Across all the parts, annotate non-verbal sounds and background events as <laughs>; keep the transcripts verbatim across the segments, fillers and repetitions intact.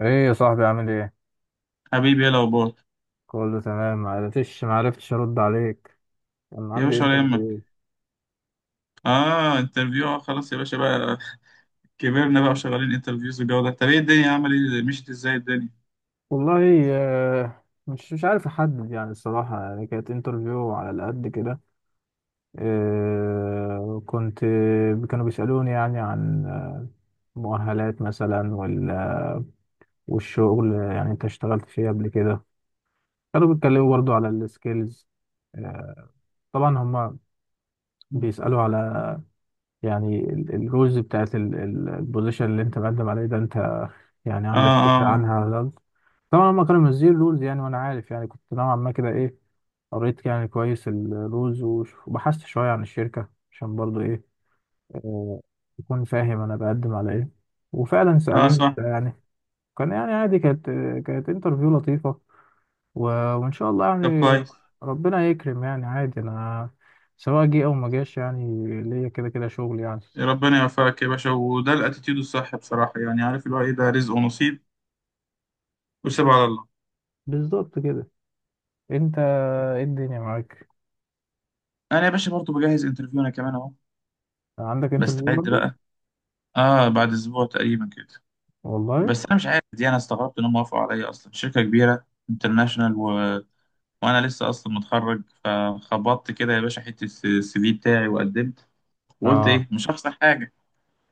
ايه يا صاحبي، عامل ايه؟ حبيبي ايه الاخبار؟ كله تمام. معرفتش معرفتش ارد عليك. كان يا عندي باشا ولا يهمك. انترفيو. اه انترفيو، اه خلاص يا باشا بقى. كبرنا بقى وشغالين انترفيوز والجو ده. طب ايه الدنيا؟ عمل ايه؟ مشيت ازاي الدنيا؟ والله آه، مش مش عارف احدد، يعني الصراحه يعني كانت انترفيو على قد كده. آه، كنت كانوا بيسالوني يعني عن آه، مؤهلات مثلا وال- والشغل، يعني انت اشتغلت فيه قبل كده. كانوا بيتكلموا برضو على السكيلز. طبعا هما بيسالوا على، يعني ال- الرولز بتاعت ال- ال- البوزيشن اللي انت مقدم عليه ده، انت يعني اه عندك فكرة اه عنها ولا لأ؟ طبعا هما كانوا منزلين رولز، يعني وانا عارف يعني كنت نوعا ما كده ايه، قريت يعني كويس الرولز، وش- وبحثت شوية عن الشركة، عشان برضو ايه آه، اكون فاهم انا بقدم على ايه. وفعلا اه آه، سألوني صح. كده يعني. كان يعني عادي، كانت كانت انترفيو لطيفة. و- وان شاء الله، طب يعني كويس. ربنا يكرم، يعني عادي انا سواء جه او ما جاش، يعني ليا كده كده شغل يعني. ربنا يوفقك يا باشا، وده الاتيتيود الصح بصراحه، يعني عارف اللي هو ايه، ده رزق ونصيب، وسيبها على الله. بالظبط كده. انت، ايه الدنيا معاك؟ انا يا باشا برضه بجهز انترفيو، انا كمان اهو، عندك انترفيو بستعد برضه؟ بقى. اه بعد اسبوع تقريبا كده. والله. بس انا مش عارف، دي انا استغربت انهم وافقوا عليا اصلا، شركه كبيره انترناشونال وانا لسه اصلا متخرج، فخبطت كده يا باشا حته السي في بتاعي وقدمت، وقلت اه، ايه مش هخسر حاجه.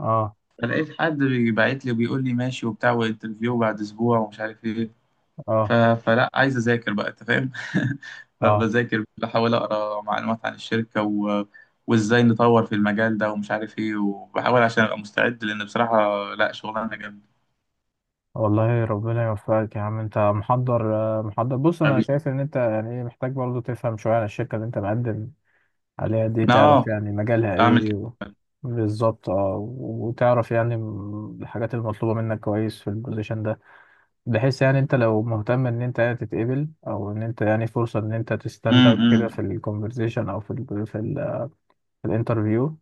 اه. فلقيت حد بيبعت لي وبيقول لي ماشي وبتاع، وانترفيو بعد اسبوع ومش عارف ايه. ف... اه، فلا عايز اذاكر بقى، انت فاهم. <laughs> اه. فبذاكر، بحاول اقرا معلومات عن الشركه و... وازاي نطور في المجال ده ومش عارف ايه، وبحاول عشان ابقى مستعد، لان بصراحه لا، شغلانه جامده. والله ربنا يوفقك يا عم، انت محضر آه، محضر. بص، انا حبيبي، شايف ان انت يعني ايه، محتاج برضه تفهم شويه عن الشركه اللي انت مقدم عليها دي، تعرف اه يعني مجالها اعمل ايه. كده. و... بالظبط. اه، وتعرف يعني م- الحاجات المطلوبه منك كويس في البوزيشن ده، بحيث يعني انت لو مهتم ان انت يعني تتقبل، او ان انت يعني فرصه ان انت م- تستند اوت كده في م. الكونفرزيشن، او في ال في ال- في الانترفيو.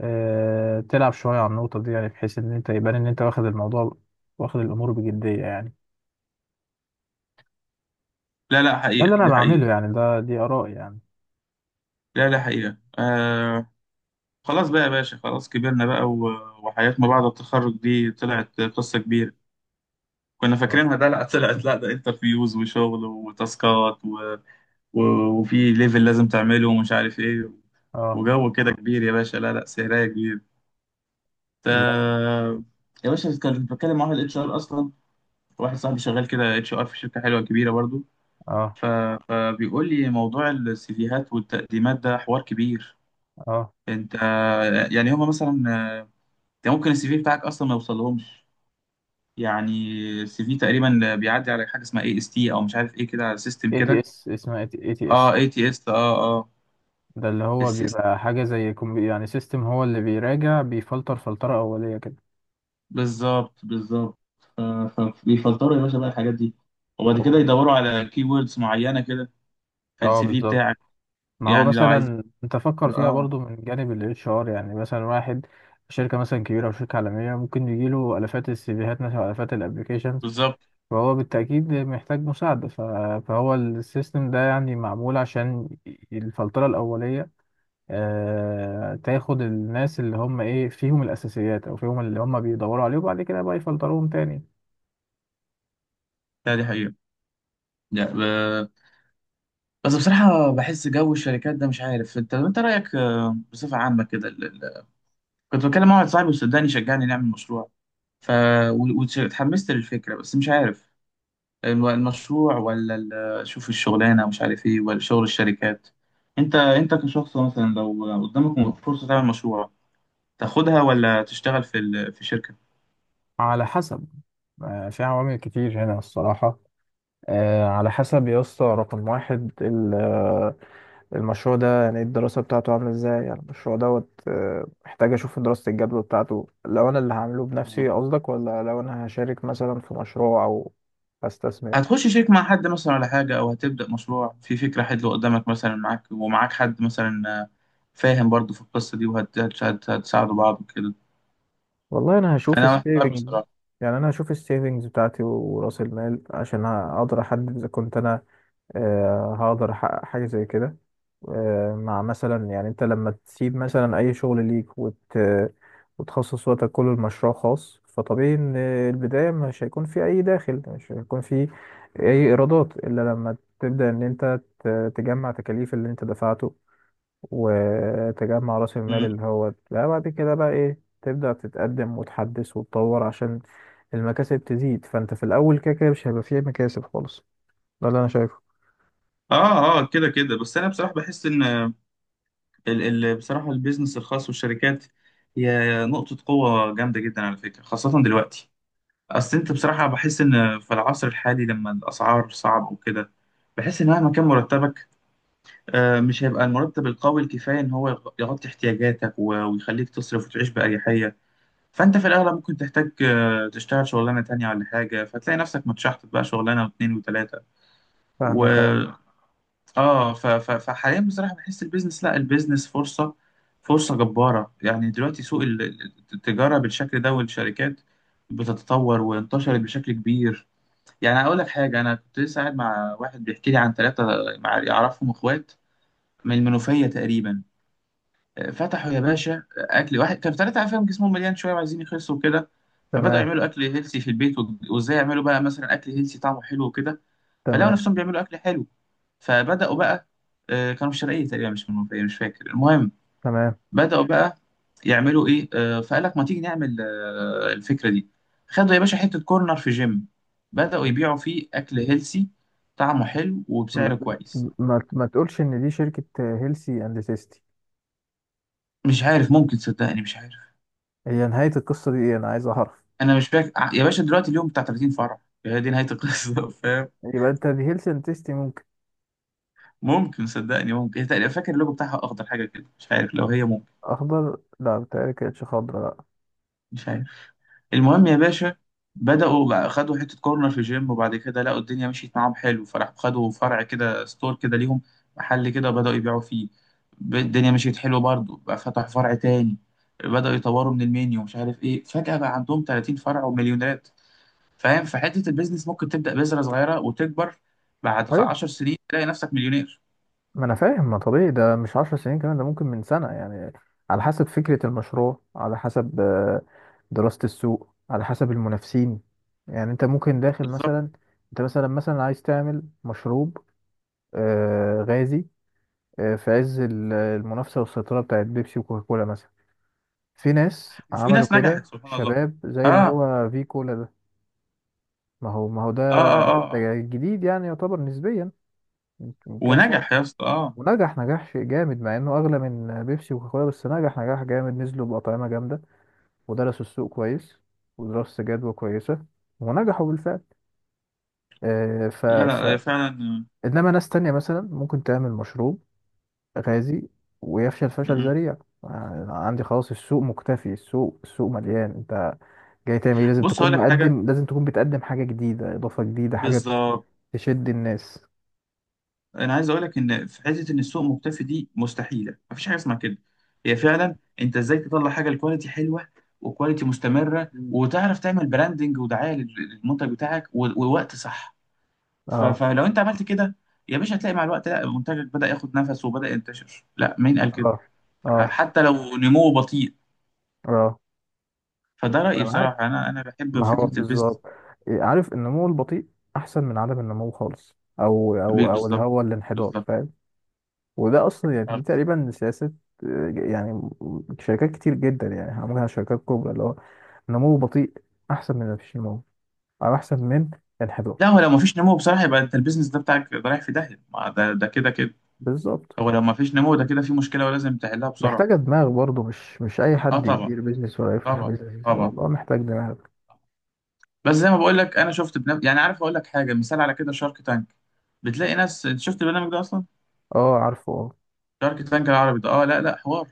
آه، تلعب شوية على النقطة دي، يعني بحيث إن أنت يبان إن أنت واخد الموضوع، واخد الأمور بجدية يعني. لا لا، ده اللي حقيقه، أنا دي حقيقه. بعمله يعني، ده دي آراء يعني. لا لا، حقيقه، آه خلاص بقى يا باشا، خلاص كبرنا بقى، و- وحياة ما بعد التخرج دي طلعت قصة كبيرة. كنا اه. فاكرينها، ده لا طلعت، لا ده انترفيوز وشغل وتاسكات و... و... وفي ليفل لازم تعمله ومش عارف ايه، اه. وجو كده كبير يا باشا، لا لا سهرية كبير. الله. تا... يا باشا كنت بتكلم مع واحد اتش ار اصلا، واحد صاحبي شغال كده اتش ار في شركة حلوة كبيرة برضو. اه. ف... فبيقول لي موضوع السيفيهات والتقديمات ده حوار كبير. اه. انت يعني هما مثلا، انت ممكن السي في بتاعك اصلا ما يوصلهمش. يعني السي في تقريبا بيعدي على حاجه اسمها اي اس تي او مش عارف ايه كده، سيستم اي تي كده. اس اسمها اي تي اس. اه اي تي اس، اه اه ده اللي هو السيستم. بيبقى حاجة زي كمبي- يعني سيستم، هو اللي بيراجع، بيفلتر فلترة أولية كده. بالظبط بالظبط. آه، ف- بيفلتروا يا باشا بقى الحاجات دي، وبعد كده أو- يدوروا على كي ووردز معينه كده في اه، السي في بالظبط. بتاعك. ما هو يعني لو عايزين. مثلا انت فكر فيها اه برضو من جانب الاتش ار، يعني مثلا واحد شركة مثلا كبيرة أو شركة عالمية ممكن يجيله آلافات السيفيهات مثلا، أو آلافات الابلكيشنز، بالظبط. فهو بالتأكيد محتاج مساعدة. ف- فهو السيستم ده يعني معمول عشان الفلترة الأولية. آه، تاخد الناس اللي هم إيه، فيهم الأساسيات أو فيهم اللي هم بيدوروا عليه، وبعد كده بقى يفلتروهم تاني. لا دي حقيقه لا ب... بس بصراحه بحس جو الشركات ده، مش عارف انت، انت رايك آه، بصفه عامه كده ال- ال- كنت بكلم مع واحد صاحبي وصدقني شجعني نعمل مشروع، ف واتحمست للفكره، بس مش عارف الم- المشروع ولا ال- شوف الشغلانة، مش عارف ايه ولا شغل الشركات. انت انت كشخص، مثلا لو قدامك فرصة تعمل مشروع، تاخدها ولا تشتغل في ال... في شركة؟ على حسب. آه، في عوامل كتير هنا الصراحة. آه، على حسب يا اسطى. رقم واحد، المشروع ده يعني الدراسة بتاعته عاملة ازاي، يعني المشروع دوت آه، محتاج اشوف دراسة الجدوى بتاعته، لو انا اللي هعمله مم. بنفسي قصدك، ولا لو انا هشارك مثلا في مشروع او هستثمر. هتخش شريك مع حد مثلا ولا حاجة، أو هتبدأ مشروع في فكرة حلوة قدامك مثلا، معاك ومعاك حد مثلا فاهم برضو في القصة دي وهتساعدوا بعض وكده. والله انا هشوف أنا محتار السيفنج، بصراحة. يعني انا هشوف السيفنجز بتاعتي وراس المال، عشان اقدر احدد اذا كنت انا آه، هقدر احقق حاجة زي كده. آه، مع مثلا، يعني انت لما تسيب مثلا اي شغل ليك، وت... وتخصص وقتك كله لمشروع خاص، فطبيعي ان البداية مش هيكون في اي داخل، مش هيكون في اي ايرادات الا لما تبدأ ان انت ت- تجمع تكاليف اللي انت دفعته، وتجمع راس المال، مم. اللي هو لا، بعد كده بقى ايه تبدأ تتقدم وتحدث وتطور عشان المكاسب تزيد. فانت في الاول كده كده مش هيبقى فيه مكاسب خالص، ده اللي انا شايفه. آه آه كده كده، بس أنا بصراحة بحس إن ال- ال- بصراحة البيزنس الخاص والشركات هي نقطة قوة جامدة جدا على فكرة، خاصة دلوقتي. أصل أنت بصراحة بحس إن في العصر الحالي، لما الأسعار صعب وكده، بحس إن مهما كان مرتبك، آه، مش هيبقى المرتب القوي الكفاية إن هو يغ- يغطي احتياجاتك و- ويخليك تصرف وتعيش بأريحية. فأنت في الأغلب ممكن تحتاج آه، تشتغل شغلانة تانية ولا حاجة، فتلاقي نفسك متشحطط بقى شغلانة واتنين وتلاتة. فاهمك أه. اه ف- ف- فحاليا بصراحه بحس البيزنس، لا البيزنس فرصه، فرصه جباره. يعني دلوقتي سوق ال- ال- التجاره بالشكل ده والشركات بتتطور وانتشرت بشكل كبير. يعني اقول لك حاجه، انا كنت لسه قاعد مع واحد بيحكي لي عن ثلاثه، مع يعرفهم اخوات من المنوفيه تقريبا. آه، فتحوا يا باشا اكل. واحد كانوا ثلاثه عارفين جسمهم مليان شويه وعايزين يخسوا وكده، فبداوا تمام. يعملوا اكل هيلسي في البيت، و- وازاي يعملوا بقى مثلا اكل هيلسي طعمه حلو وكده. فلقوا تمام. نفسهم بيعملوا اكل حلو. فبدأوا بقى، آه، كانوا في الشرقية تقريبا، مش من المنوفية، مش فاكر، المهم. تمام. بدأوا بقى يعملوا إيه، آه، فقال لك ما تيجي نعمل آه، الفكرة دي. خدوا يا باشا حتة كورنر في جيم، بدأوا يبيعوا فيه أكل هيلسي طعمه حلو وبسعر ما, كويس. ما, ما تقولش ان دي شركة هيلسي اند تيستي؟ مش عارف، ممكن، صدقني مش عارف. هي نهاية القصة دي ايه؟ انا عايز اعرف. أنا مش فاكر ع- يا باشا دلوقتي اليوم بتاع ثلاثين فرع. هي دي نهاية القصة. <laughs> فاهم. يبقى انت دي هيلسي اند تيستي، ممكن. ممكن، صدقني ممكن. هي تقريبا فاكر اللوجو بتاعها أخضر حاجة كده، مش عارف، لو هي، ممكن، اخضر؟ لا، بتهيألي كانتش خضرا. لا. مش عارف، المهم يا باشا. بدأوا بقى خدوا حتة كورنر في الجيم، وبعد كده لقوا الدنيا مشيت معاهم حلو، فراحوا خدوا فرع كده، ستور كده ليهم، محل كده، وبدأوا يبيعوا فيه. ب- الدنيا مشيت حلو برضه بقى، فتحوا فرع تاني، بدأوا يطوروا من المنيو، مش عارف ايه، فجأة بقى عندهم ثلاثين فرع ومليونيرات. فاهم؟ فحتة البيزنس ممكن تبدأ بذرة صغيرة وتكبر، بعد طيب. عشر سنين تلاقي نفسك مليونير. ما انا فاهم، ما طبيعي، ده مش عشر سنين كمان، ده ممكن من سنة يعني، على حسب فكرة المشروع، على حسب آه، دراسة السوق، على حسب المنافسين. يعني انت ممكن داخل بالظبط. مثلا، انت مثلا مثلا عايز تعمل مشروب آه، غازي، آه، في عز ال- المنافسة والسيطرة بتاعت بيبسي وكوكاكولا مثلا. في ناس وفي عملوا ناس نجحت كده سبحان الله. شباب، اه زي اللي اه هو في كولا ده. ما هو ما هو ده، اه اه, آه. ده جديد يعني يعتبر نسبيا من من كام سنة، ونجح يا اسطى، اه ونجح نجاح شيء جامد مع انه اغلى من بيبسي وكوكاكولا، بس نجح نجاح جامد، نزلوا بأطعمة جامدة، ودرسوا السوق كويس، ودراسة جدوى كويسة، ونجحوا بالفعل. آه، ف لا ف لا فعلا. انما ناس تانية مثلا ممكن تعمل مشروب غازي ويفشل فشل آه. ذريع. آه، عندي خلاص، السوق مكتفي، السوق السوق مليان. انت جاي تعمل ايه؟ لازم بص هقول تكون لك حاجه. مقدم، لازم تكون بتقدم حاجة جديدة، إضافة جديدة، حاجة ت- بالظبط. تشد الناس. انا عايز اقول لك ان في حته ان السوق مختفي دي مستحيله، مفيش حاجه اسمها كده. هي فعلا انت ازاي تطلع حاجه الكواليتي حلوه، وكواليتي مستمره، مم. وتعرف تعمل براندنج ودعايه لل- للمنتج بتاعك، و- ووقت صح. ف- اه. فلو انت عملت كده يا باشا، هتلاقي مع الوقت، لا منتجك بدا ياخد نفس وبدا ينتشر، لا مين قال كده، اه. اه. حتى لو نموه بطيء. اه. فده انا رايي معاك، بصراحه، انا انا بحب ما هو فكره البيزنس. بالظبط. إيه، عارف النمو البطيء احسن من عدم النمو خالص، او او او اللي بالظبط هو الانحدار، بالظبط. فاهم. وده اصلا يعني دي تقريبا سياسه، آه، يعني شركات كتير جدا يعني عملها شركات كبرى، اللي هو نمو بطيء احسن من مفيش نمو، او احسن من انحدار. لا هو لو مفيش نمو بصراحة، يبقى انت البيزنس ده بتاعك ده رايح في داهية، ما ده ده كده كده، بالظبط. هو لو مفيش نمو ده كده في مشكلة ولازم تحلها محتاجه بسرعة. دماغ برضه، مش مش اي اه حد طبعا يدير بيزنس ولا يفتح طبعا بيزنس، طبعا. الموضوع محتاج دماغ. بس زي ما بقول لك، انا شفت بنف... يعني عارف اقول لك حاجة، مثال على كده، شارك تانك. بتلاقي ناس، انت شفت البرنامج ده اصلا؟ اه. عارفه. اه. شارك تانك العربي ده، اه لا لا حوار.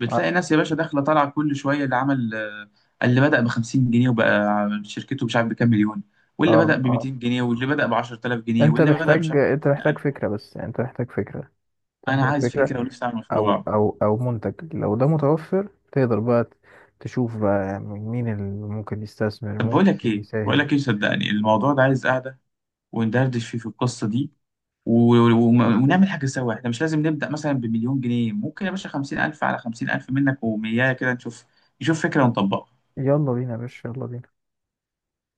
بتلاقي عارف- ناس يا باشا داخلة طالعة كل شوية، اللي عمل آه، اللي بدأ ب خمسين جنيه وبقى شركته مش عارف بكام مليون، واللي اه. بدأ ب اه. ميتين جنيه، واللي بدأ ب عشر تلاف جنيه، انت واللي بدأ مش محتاج عارف ب انت محتاج خمسين ألف. فكره، بس يعني انت محتاج فكره، انا محتاج عايز فكره، فكرة ونفسي اعمل او مشروع. او او منتج. لو ده متوفر تقدر بقى تشوف، بقى يعني مين اللي ممكن يستثمر، طب بقول لك ممكن ايه، بقول يساهم. لك ايه، صدقني الموضوع ده عايز قعده وندردش فيه في القصه دي و... و... مشكلة. ونعمل حاجه سوا. احنا مش لازم نبدا مثلا بمليون جنيه، ممكن يا باشا خمسين ألف على خمسين ألف منك ومياه كده، نشوف، نشوف فكره ونطبقها. يلا بينا يا باشا، يلا بينا.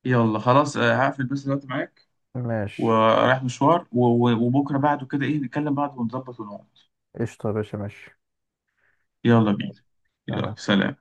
يلا خلاص، آه، هقفل بس دلوقتي معاك ماشي. ورايح مشوار و... و... وبكره بعده كده ايه نتكلم بعض ونظبط ونقعد. قشطة يا باشا، ماشي. يلا بينا. يلا سلام. سلام.